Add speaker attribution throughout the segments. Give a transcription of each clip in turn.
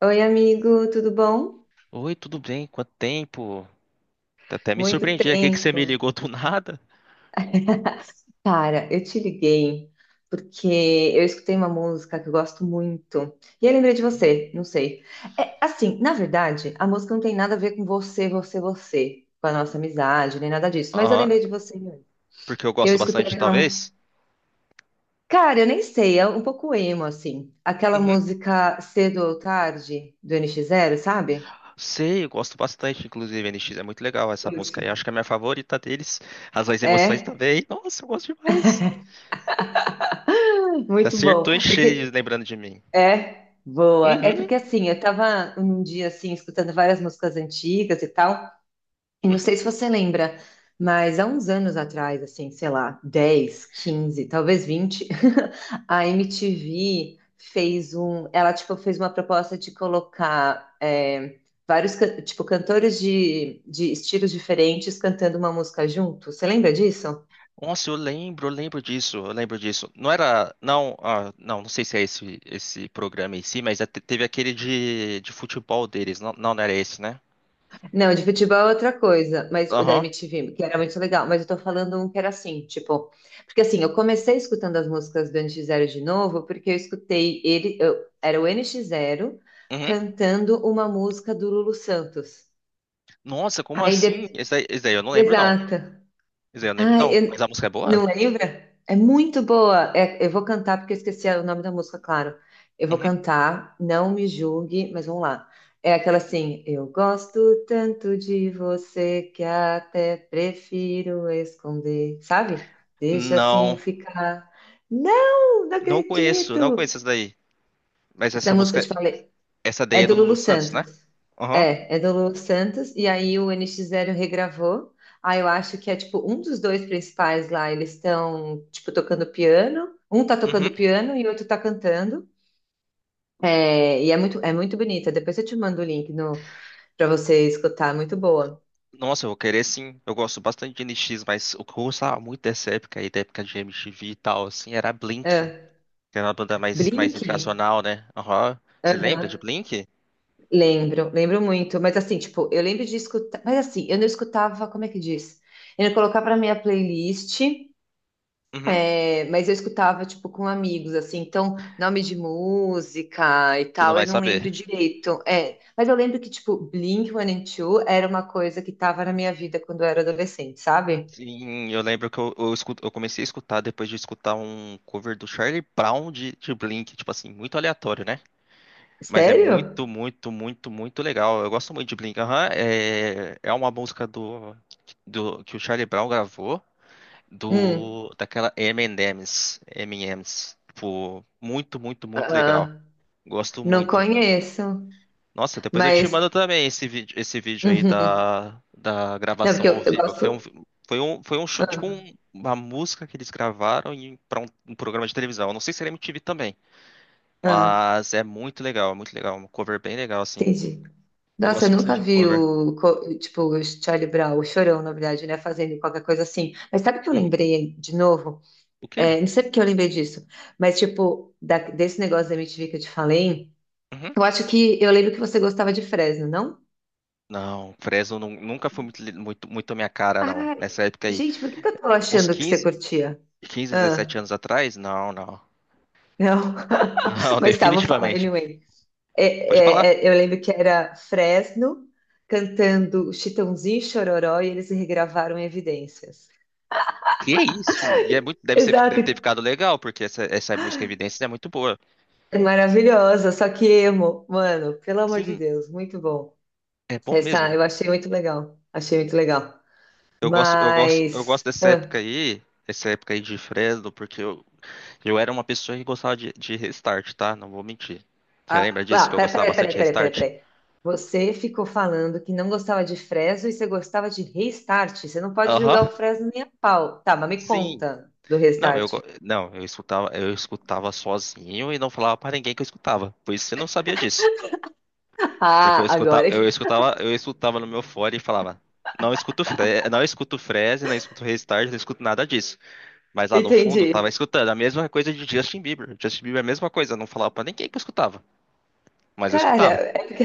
Speaker 1: Oi, amigo, tudo bom?
Speaker 2: Oi, tudo bem? Quanto tempo? Até me
Speaker 1: Muito
Speaker 2: surpreendi aqui que você me
Speaker 1: tempo.
Speaker 2: ligou do nada.
Speaker 1: Cara, eu te liguei porque eu escutei uma música que eu gosto muito. E eu lembrei de você, não sei. É, assim, na verdade, a música não tem nada a ver com você, com a nossa amizade, nem nada disso. Mas eu
Speaker 2: Aham,
Speaker 1: lembrei de você.
Speaker 2: porque eu
Speaker 1: Eu
Speaker 2: gosto
Speaker 1: escutei
Speaker 2: bastante,
Speaker 1: aquela.
Speaker 2: talvez?
Speaker 1: Cara, eu nem sei, é um pouco emo, assim. Aquela
Speaker 2: Uhum.
Speaker 1: música Cedo ou Tarde, do NX Zero, sabe?
Speaker 2: Sei, eu gosto bastante, inclusive, NX é muito legal essa música aí.
Speaker 1: Curte.
Speaker 2: Acho que é a minha favorita deles. Razões e Emoções
Speaker 1: É,
Speaker 2: também. Nossa, eu gosto demais. Você
Speaker 1: muito bom.
Speaker 2: acertou em cheio,
Speaker 1: Porque
Speaker 2: lembrando de mim.
Speaker 1: É, boa. É porque
Speaker 2: Uhum.
Speaker 1: assim, eu tava num dia assim, escutando várias músicas antigas e tal, e não
Speaker 2: Uhum.
Speaker 1: sei se você lembra, mas há uns anos atrás, assim, sei lá, 10, 15, talvez 20, a MTV fez um, ela tipo fez uma proposta de colocar vários, tipo, cantores de estilos diferentes cantando uma música junto. Você lembra disso?
Speaker 2: Nossa, eu lembro disso, eu lembro disso. Não era, não. Ah, não, não sei se é esse programa em si, mas teve aquele de futebol deles. Não, não, não era esse, né?
Speaker 1: Não, de futebol é outra coisa, mas o da
Speaker 2: Aham.
Speaker 1: MTV, que era muito legal, mas eu tô falando um que era assim, tipo, porque assim, eu comecei escutando as músicas do NX Zero de novo, porque eu escutei ele, era o NX Zero
Speaker 2: Uhum.
Speaker 1: cantando uma música do Lulu Santos.
Speaker 2: Nossa, como
Speaker 1: Aí,
Speaker 2: assim? Esse daí eu não lembro, não.
Speaker 1: exato.
Speaker 2: Esse daí eu não lembro,
Speaker 1: Ah,
Speaker 2: não. Mas a música é boa?
Speaker 1: não lembra? É muito boa. É, eu vou cantar porque eu esqueci o nome da música, claro. Eu vou
Speaker 2: Uhum.
Speaker 1: cantar, não me julgue, mas vamos lá. É aquela assim, eu gosto tanto de você que até prefiro esconder, sabe? Deixa assim
Speaker 2: Não,
Speaker 1: ficar. Não, não
Speaker 2: não conheço, não
Speaker 1: acredito.
Speaker 2: conheço essa daí. Mas
Speaker 1: Essa
Speaker 2: essa
Speaker 1: música, eu
Speaker 2: música,
Speaker 1: te falei.
Speaker 2: essa daí
Speaker 1: É
Speaker 2: é
Speaker 1: do
Speaker 2: do Lulu
Speaker 1: Lulu
Speaker 2: Santos, né?
Speaker 1: Santos.
Speaker 2: Aham.
Speaker 1: É do Lulu Santos. E aí o N X Zero regravou. Aí eu acho que é tipo um dos dois principais lá. Eles estão tipo tocando piano. Um tá
Speaker 2: Uhum.
Speaker 1: tocando piano e o outro tá cantando. É, e é muito bonita. Depois eu te mando o link no, para você escutar. Muito boa.
Speaker 2: Nossa, eu vou querer sim. Eu gosto bastante de NX, mas o que eu gostava muito dessa época aí, da época de MTV e tal, assim, era Blink,
Speaker 1: É.
Speaker 2: que era uma banda mais
Speaker 1: Blink?
Speaker 2: internacional, né? Aham. Você lembra
Speaker 1: Aham.
Speaker 2: de Blink?
Speaker 1: Lembro, lembro muito. Mas assim, tipo, eu lembro de escutar. Mas assim, eu não escutava, como é que diz? Eu não colocava na minha playlist.
Speaker 2: Uhum.
Speaker 1: É, mas eu escutava, tipo, com amigos, assim, então, nome de música e
Speaker 2: Você não
Speaker 1: tal, eu
Speaker 2: vai
Speaker 1: não lembro
Speaker 2: saber.
Speaker 1: direito. É, mas eu lembro que, tipo, Blink-182 era uma coisa que tava na minha vida quando eu era adolescente, sabe?
Speaker 2: Sim, eu lembro que eu comecei a escutar depois de escutar um cover do Charlie Brown de Blink, tipo assim, muito aleatório, né? Mas é
Speaker 1: Sério?
Speaker 2: muito, muito, muito, muito legal. Eu gosto muito de Blink. Aham, é uma música do que o Charlie Brown gravou
Speaker 1: Hum,
Speaker 2: do daquela M&M's, M&M's. Tipo, muito, muito, muito legal.
Speaker 1: ah,
Speaker 2: Gosto
Speaker 1: não
Speaker 2: muito de Blink.
Speaker 1: conheço,
Speaker 2: Nossa, depois eu te
Speaker 1: mas.
Speaker 2: mando também esse vídeo aí
Speaker 1: Uhum.
Speaker 2: da
Speaker 1: Não,
Speaker 2: gravação
Speaker 1: porque
Speaker 2: ao
Speaker 1: eu
Speaker 2: vivo.
Speaker 1: gosto.
Speaker 2: Foi um show, tipo
Speaker 1: ah,
Speaker 2: uma música que eles gravaram para um programa de televisão. Eu não sei se era MTV também,
Speaker 1: ah,
Speaker 2: mas é muito legal, um cover bem legal assim.
Speaker 1: entendi.
Speaker 2: Eu
Speaker 1: Nossa, eu
Speaker 2: gosto
Speaker 1: nunca
Speaker 2: bastante de
Speaker 1: vi
Speaker 2: cover.
Speaker 1: o, tipo, o Charlie Brown, o Chorão, na verdade, né, fazendo qualquer coisa assim. Mas sabe o que eu
Speaker 2: Uhum.
Speaker 1: lembrei de novo?
Speaker 2: O quê?
Speaker 1: É, não sei porque eu lembrei disso, mas tipo, desse negócio da MTV que eu te falei,
Speaker 2: Uhum.
Speaker 1: eu acho que eu lembro que você gostava de Fresno, não?
Speaker 2: Não, Fresno nunca foi muito, muito, muito a minha cara, não.
Speaker 1: Ai,
Speaker 2: Nessa época aí,
Speaker 1: gente, por que que eu tô
Speaker 2: uns
Speaker 1: achando que você
Speaker 2: 15,
Speaker 1: curtia?
Speaker 2: quinze, 17
Speaker 1: Ah,
Speaker 2: anos atrás, não, não.
Speaker 1: não,
Speaker 2: Não,
Speaker 1: mas tá, vou falar
Speaker 2: definitivamente.
Speaker 1: anyway. É,
Speaker 2: Pode falar.
Speaker 1: é, é, eu lembro que era Fresno cantando Chitãozinho e Chororó e eles regravaram Evidências.
Speaker 2: Que é isso? E é muito, deve ser, deve ter
Speaker 1: Exato,
Speaker 2: ficado legal, porque essa música Evidências é muito boa.
Speaker 1: maravilhosa, só que emo, mano, pelo amor de
Speaker 2: Sim,
Speaker 1: Deus, muito bom.
Speaker 2: é bom
Speaker 1: Essa
Speaker 2: mesmo.
Speaker 1: eu achei muito legal, achei muito legal.
Speaker 2: Eu gosto, eu gosto, eu gosto
Speaker 1: Mas.
Speaker 2: dessa época
Speaker 1: Ah,
Speaker 2: aí, essa época aí de Fresno, porque eu era uma pessoa que gostava de Restart, tá? Não vou mentir. Você lembra
Speaker 1: ah,
Speaker 2: disso
Speaker 1: ah,
Speaker 2: que eu gostava
Speaker 1: peraí,
Speaker 2: bastante
Speaker 1: peraí,
Speaker 2: de
Speaker 1: peraí, peraí,
Speaker 2: Restart?
Speaker 1: peraí. Você ficou falando que não gostava de Fresno e você gostava de Restart. Você não pode julgar
Speaker 2: Aham.
Speaker 1: o Fresno nem a pau. Tá, mas me
Speaker 2: Sim.
Speaker 1: conta do
Speaker 2: Não,
Speaker 1: Restart.
Speaker 2: não, eu escutava, sozinho e não falava pra ninguém que eu escutava. Por isso você não sabia disso. Porque eu
Speaker 1: Ah,
Speaker 2: escutava,
Speaker 1: agora
Speaker 2: eu escutava no meu fone e falava, não escuto Fre não escuto Freeze, não escuto Restart, não escuto nada disso. Mas lá no fundo, eu tava
Speaker 1: entendi.
Speaker 2: escutando a mesma coisa de Justin Bieber. Justin Bieber é a mesma coisa, eu não falava pra ninguém que eu escutava, mas eu
Speaker 1: Cara,
Speaker 2: escutava.
Speaker 1: é porque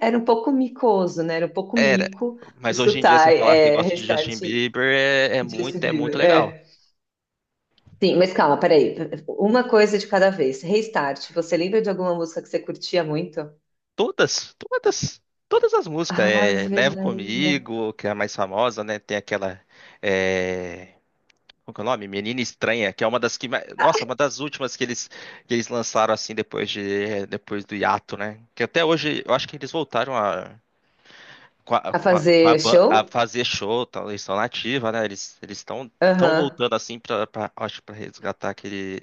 Speaker 1: era um pouco micoso, né? Era um pouco
Speaker 2: Era.
Speaker 1: mico
Speaker 2: Mas hoje em dia, você
Speaker 1: escutar
Speaker 2: falar que gosta de Justin
Speaker 1: Restart e
Speaker 2: Bieber é
Speaker 1: Justin
Speaker 2: muito, é muito
Speaker 1: Bieber.
Speaker 2: legal.
Speaker 1: É. Sim, mas calma, peraí. Uma coisa de cada vez. Restart, você lembra de alguma música que você curtia muito?
Speaker 2: Todas, todas, todas as músicas. É,
Speaker 1: Ave
Speaker 2: Levo
Speaker 1: Maria.
Speaker 2: Comigo, que é a mais famosa, né? Tem aquela. é, Qual que é o nome? Menina Estranha, que é uma das que, nossa, uma das últimas que eles lançaram assim depois do hiato, né? Que até hoje eu acho que eles voltaram
Speaker 1: A fazer
Speaker 2: a
Speaker 1: show?
Speaker 2: fazer show, tal, eles estão na ativa, né? Eles estão
Speaker 1: Aham.
Speaker 2: voltando assim para, acho, para resgatar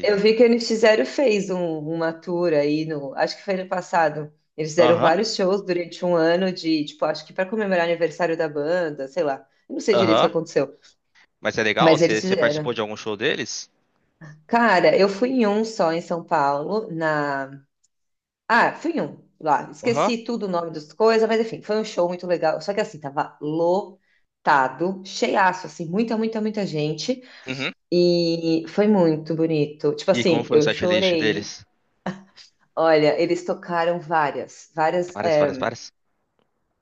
Speaker 1: Eu vi que eles fizeram, uma tour aí no, acho que foi ano passado. Eles fizeram
Speaker 2: Aham.
Speaker 1: vários shows durante um ano de, tipo, acho que para comemorar o aniversário da banda, sei lá. Eu não sei direito o que
Speaker 2: Aham.
Speaker 1: aconteceu,
Speaker 2: Mas é legal,
Speaker 1: mas
Speaker 2: você
Speaker 1: eles
Speaker 2: você
Speaker 1: fizeram.
Speaker 2: participou de algum show deles?
Speaker 1: Cara, eu fui em um só em São Paulo, na. Ah, fui em um lá.
Speaker 2: Aham.
Speaker 1: Esqueci tudo o nome das coisas, mas enfim, foi um show muito legal. Só que assim, tava lotado, cheiaço, assim, muita, muita, muita gente.
Speaker 2: Uhum.
Speaker 1: E foi muito bonito. Tipo
Speaker 2: E como
Speaker 1: assim,
Speaker 2: foi o
Speaker 1: eu
Speaker 2: setlist
Speaker 1: chorei.
Speaker 2: deles?
Speaker 1: Olha, eles tocaram várias, várias,
Speaker 2: Várias, várias, várias.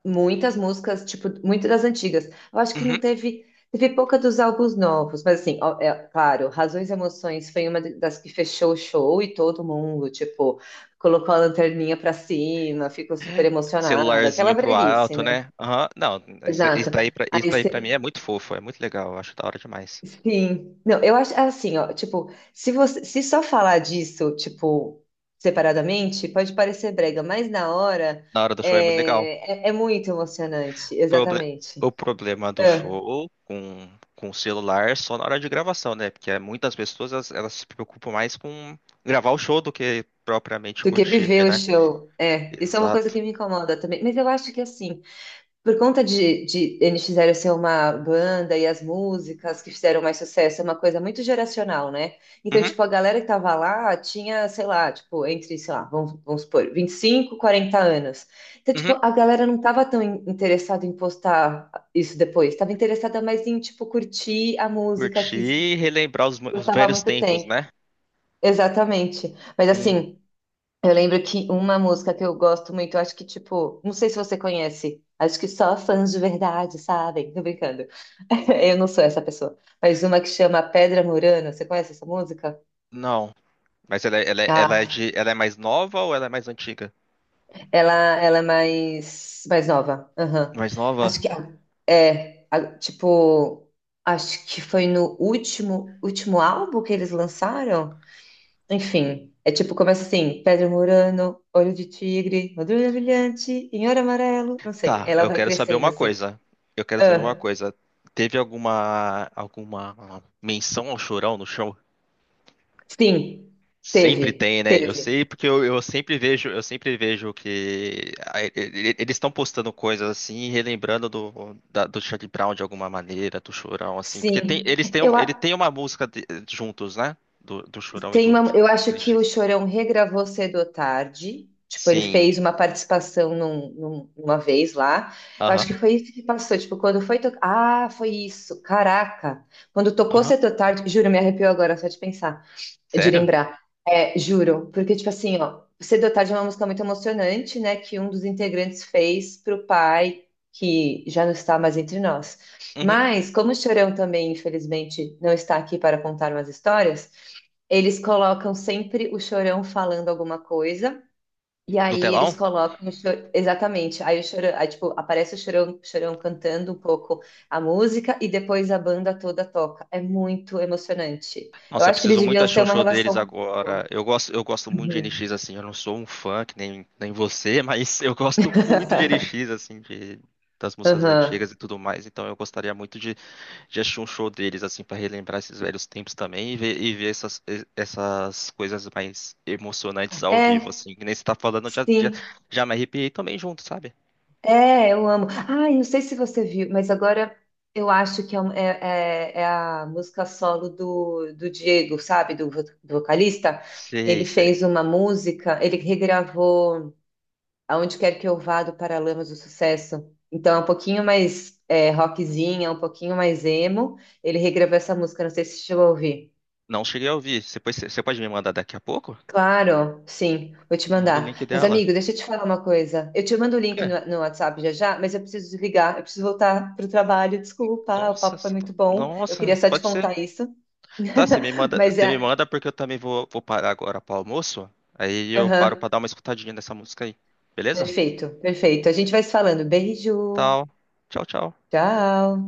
Speaker 1: muitas músicas, tipo, muitas das antigas. Eu acho que não teve, teve pouca dos álbuns novos, mas assim, ó, claro, Razões e Emoções foi uma das que fechou o show e todo mundo, tipo, colocou a lanterninha pra cima, ficou super emocionado,
Speaker 2: Celularzinho
Speaker 1: aquela
Speaker 2: pro
Speaker 1: breguice,
Speaker 2: alto,
Speaker 1: né?
Speaker 2: né? Aham. Não, isso,
Speaker 1: Exato.
Speaker 2: isso
Speaker 1: Aí
Speaker 2: daí pra mim é muito fofo, é muito legal, eu acho da hora demais.
Speaker 1: sim. Não, eu acho assim, ó, tipo, se você se só falar disso, tipo, separadamente, pode parecer brega, mas na hora
Speaker 2: Na hora do show é muito legal.
Speaker 1: é muito emocionante,
Speaker 2: Proble- o
Speaker 1: exatamente.
Speaker 2: problema do
Speaker 1: É,
Speaker 2: show com o celular é só na hora de gravação, né? Porque muitas pessoas elas se preocupam mais com gravar o show do que propriamente
Speaker 1: do que
Speaker 2: curtir,
Speaker 1: viver
Speaker 2: ali,
Speaker 1: o
Speaker 2: né?
Speaker 1: show. É, isso é uma coisa
Speaker 2: Exato.
Speaker 1: que me incomoda também. Mas eu acho que assim, por conta de, eles fizeram ser uma banda e as músicas que fizeram mais sucesso, é uma coisa muito geracional, né? Então,
Speaker 2: Uhum,
Speaker 1: tipo, a galera que tava lá tinha, sei lá, tipo, entre, sei lá, vamos supor, 25 40 anos. Então, tipo,
Speaker 2: uhum.
Speaker 1: a galera não tava tão interessada em postar isso depois, tava interessada mais em, tipo, curtir a música
Speaker 2: Curtir
Speaker 1: que
Speaker 2: e relembrar os
Speaker 1: gostava há
Speaker 2: velhos
Speaker 1: muito
Speaker 2: tempos,
Speaker 1: tempo.
Speaker 2: né?
Speaker 1: Exatamente. Mas
Speaker 2: Sim.
Speaker 1: assim. Eu lembro que uma música que eu gosto muito, eu acho que, tipo, não sei se você conhece, acho que só fãs de verdade sabem, tô brincando. Eu não sou essa pessoa. Mas uma que chama Pedra Murana, você conhece essa música?
Speaker 2: Não. Mas ela
Speaker 1: Ah,
Speaker 2: ela é mais nova ou ela é mais antiga?
Speaker 1: ela, ela é mais, mais nova. Aham.
Speaker 2: Mais
Speaker 1: Acho
Speaker 2: nova?
Speaker 1: que tipo, acho que foi no último, último álbum que eles lançaram. Enfim, é tipo, começa assim, Pedro Murano, Olho de Tigre, Madrugada Brilhante, Inhoro Amarelo, não sei.
Speaker 2: Tá,
Speaker 1: Ela
Speaker 2: eu
Speaker 1: vai
Speaker 2: quero saber
Speaker 1: crescendo
Speaker 2: uma
Speaker 1: assim.
Speaker 2: coisa. Eu quero saber uma
Speaker 1: Ah,
Speaker 2: coisa. Teve alguma menção ao Chorão no show?
Speaker 1: sim,
Speaker 2: Sempre
Speaker 1: teve,
Speaker 2: tem, né? Eu sei
Speaker 1: teve.
Speaker 2: porque eu sempre vejo, que eles estão postando coisas assim, relembrando do da, do Charlie Brown de alguma maneira, do Chorão assim, porque tem,
Speaker 1: Sim,
Speaker 2: eles têm,
Speaker 1: eu,
Speaker 2: ele tem
Speaker 1: a-
Speaker 2: uma música juntos, né? Do Chorão e
Speaker 1: tem
Speaker 2: do
Speaker 1: uma- eu acho
Speaker 2: L
Speaker 1: que o
Speaker 2: X.
Speaker 1: Chorão regravou Cedo ou Tarde. Tipo, ele
Speaker 2: Sim.
Speaker 1: fez uma participação uma vez lá. Eu acho que
Speaker 2: Aham.
Speaker 1: foi isso que passou. Tipo, quando foi tocar. Ah, foi isso. Caraca. Quando tocou
Speaker 2: Aham.
Speaker 1: Cedo ou Tarde. Juro, me arrepiou agora só de pensar, de
Speaker 2: Sério?
Speaker 1: lembrar. É, juro, porque, tipo assim, ó, Cedo ou Tarde é uma música muito emocionante, né? Que um dos integrantes fez pro pai, que já não está mais entre nós.
Speaker 2: Uhum.
Speaker 1: Mas, como o Chorão também, infelizmente, não está aqui para contar umas histórias, eles colocam sempre o Chorão falando alguma coisa e
Speaker 2: No
Speaker 1: aí eles
Speaker 2: telão?
Speaker 1: colocam o Chorão. Exatamente. Aí o Chorão, aí, tipo, aparece o Chorão cantando um pouco a música e depois a banda toda toca. É muito emocionante. Eu
Speaker 2: Nossa, eu
Speaker 1: acho que eles
Speaker 2: preciso muito
Speaker 1: deviam
Speaker 2: achar
Speaker 1: ter
Speaker 2: um
Speaker 1: uma
Speaker 2: show deles
Speaker 1: relação muito
Speaker 2: agora.
Speaker 1: boa.
Speaker 2: Eu gosto muito de
Speaker 1: Uhum.
Speaker 2: NX, assim. Eu não sou um fã, que nem você, mas eu gosto muito de NX, assim, das músicas antigas
Speaker 1: Aham.
Speaker 2: e tudo mais. Então eu gostaria muito de achar um show deles, assim, pra relembrar esses velhos tempos também e ver, essas, essas coisas mais emocionantes ao vivo,
Speaker 1: É,
Speaker 2: assim. Que nem você tá falando, eu já, já,
Speaker 1: sim.
Speaker 2: já me arrepiei também junto, sabe?
Speaker 1: É, eu amo. Ah, eu não sei se você viu, mas agora eu acho que é a música solo do Diego, sabe? Do vocalista.
Speaker 2: Sei,
Speaker 1: Ele
Speaker 2: sei.
Speaker 1: fez uma música, ele regravou. Aonde Quer Que Eu Vá, do Paralamas do Sucesso. Então é um pouquinho mais rockzinha, um pouquinho mais emo. Ele regravou essa música, não sei se você chegou a ouvir.
Speaker 2: Não cheguei a ouvir. Você pode me mandar daqui a pouco?
Speaker 1: Claro, sim, vou te
Speaker 2: Manda o link
Speaker 1: mandar. Mas,
Speaker 2: dela.
Speaker 1: amigo, deixa eu te falar uma coisa. Eu te mando o
Speaker 2: O
Speaker 1: link
Speaker 2: quê?
Speaker 1: no, WhatsApp já já, mas eu preciso desligar, eu preciso voltar para o trabalho. Desculpa, o
Speaker 2: Nossa,
Speaker 1: papo foi
Speaker 2: tá,
Speaker 1: muito bom. Eu
Speaker 2: nossa,
Speaker 1: queria só te
Speaker 2: pode ser.
Speaker 1: contar isso.
Speaker 2: Tá,
Speaker 1: Mas
Speaker 2: você me
Speaker 1: é.
Speaker 2: manda porque eu também vou parar agora pro almoço. Aí eu paro pra
Speaker 1: Aham,
Speaker 2: dar uma escutadinha nessa música aí. Beleza?
Speaker 1: perfeito, perfeito. A gente vai se falando. Beijo,
Speaker 2: Tal. Tchau, tchau.
Speaker 1: tchau.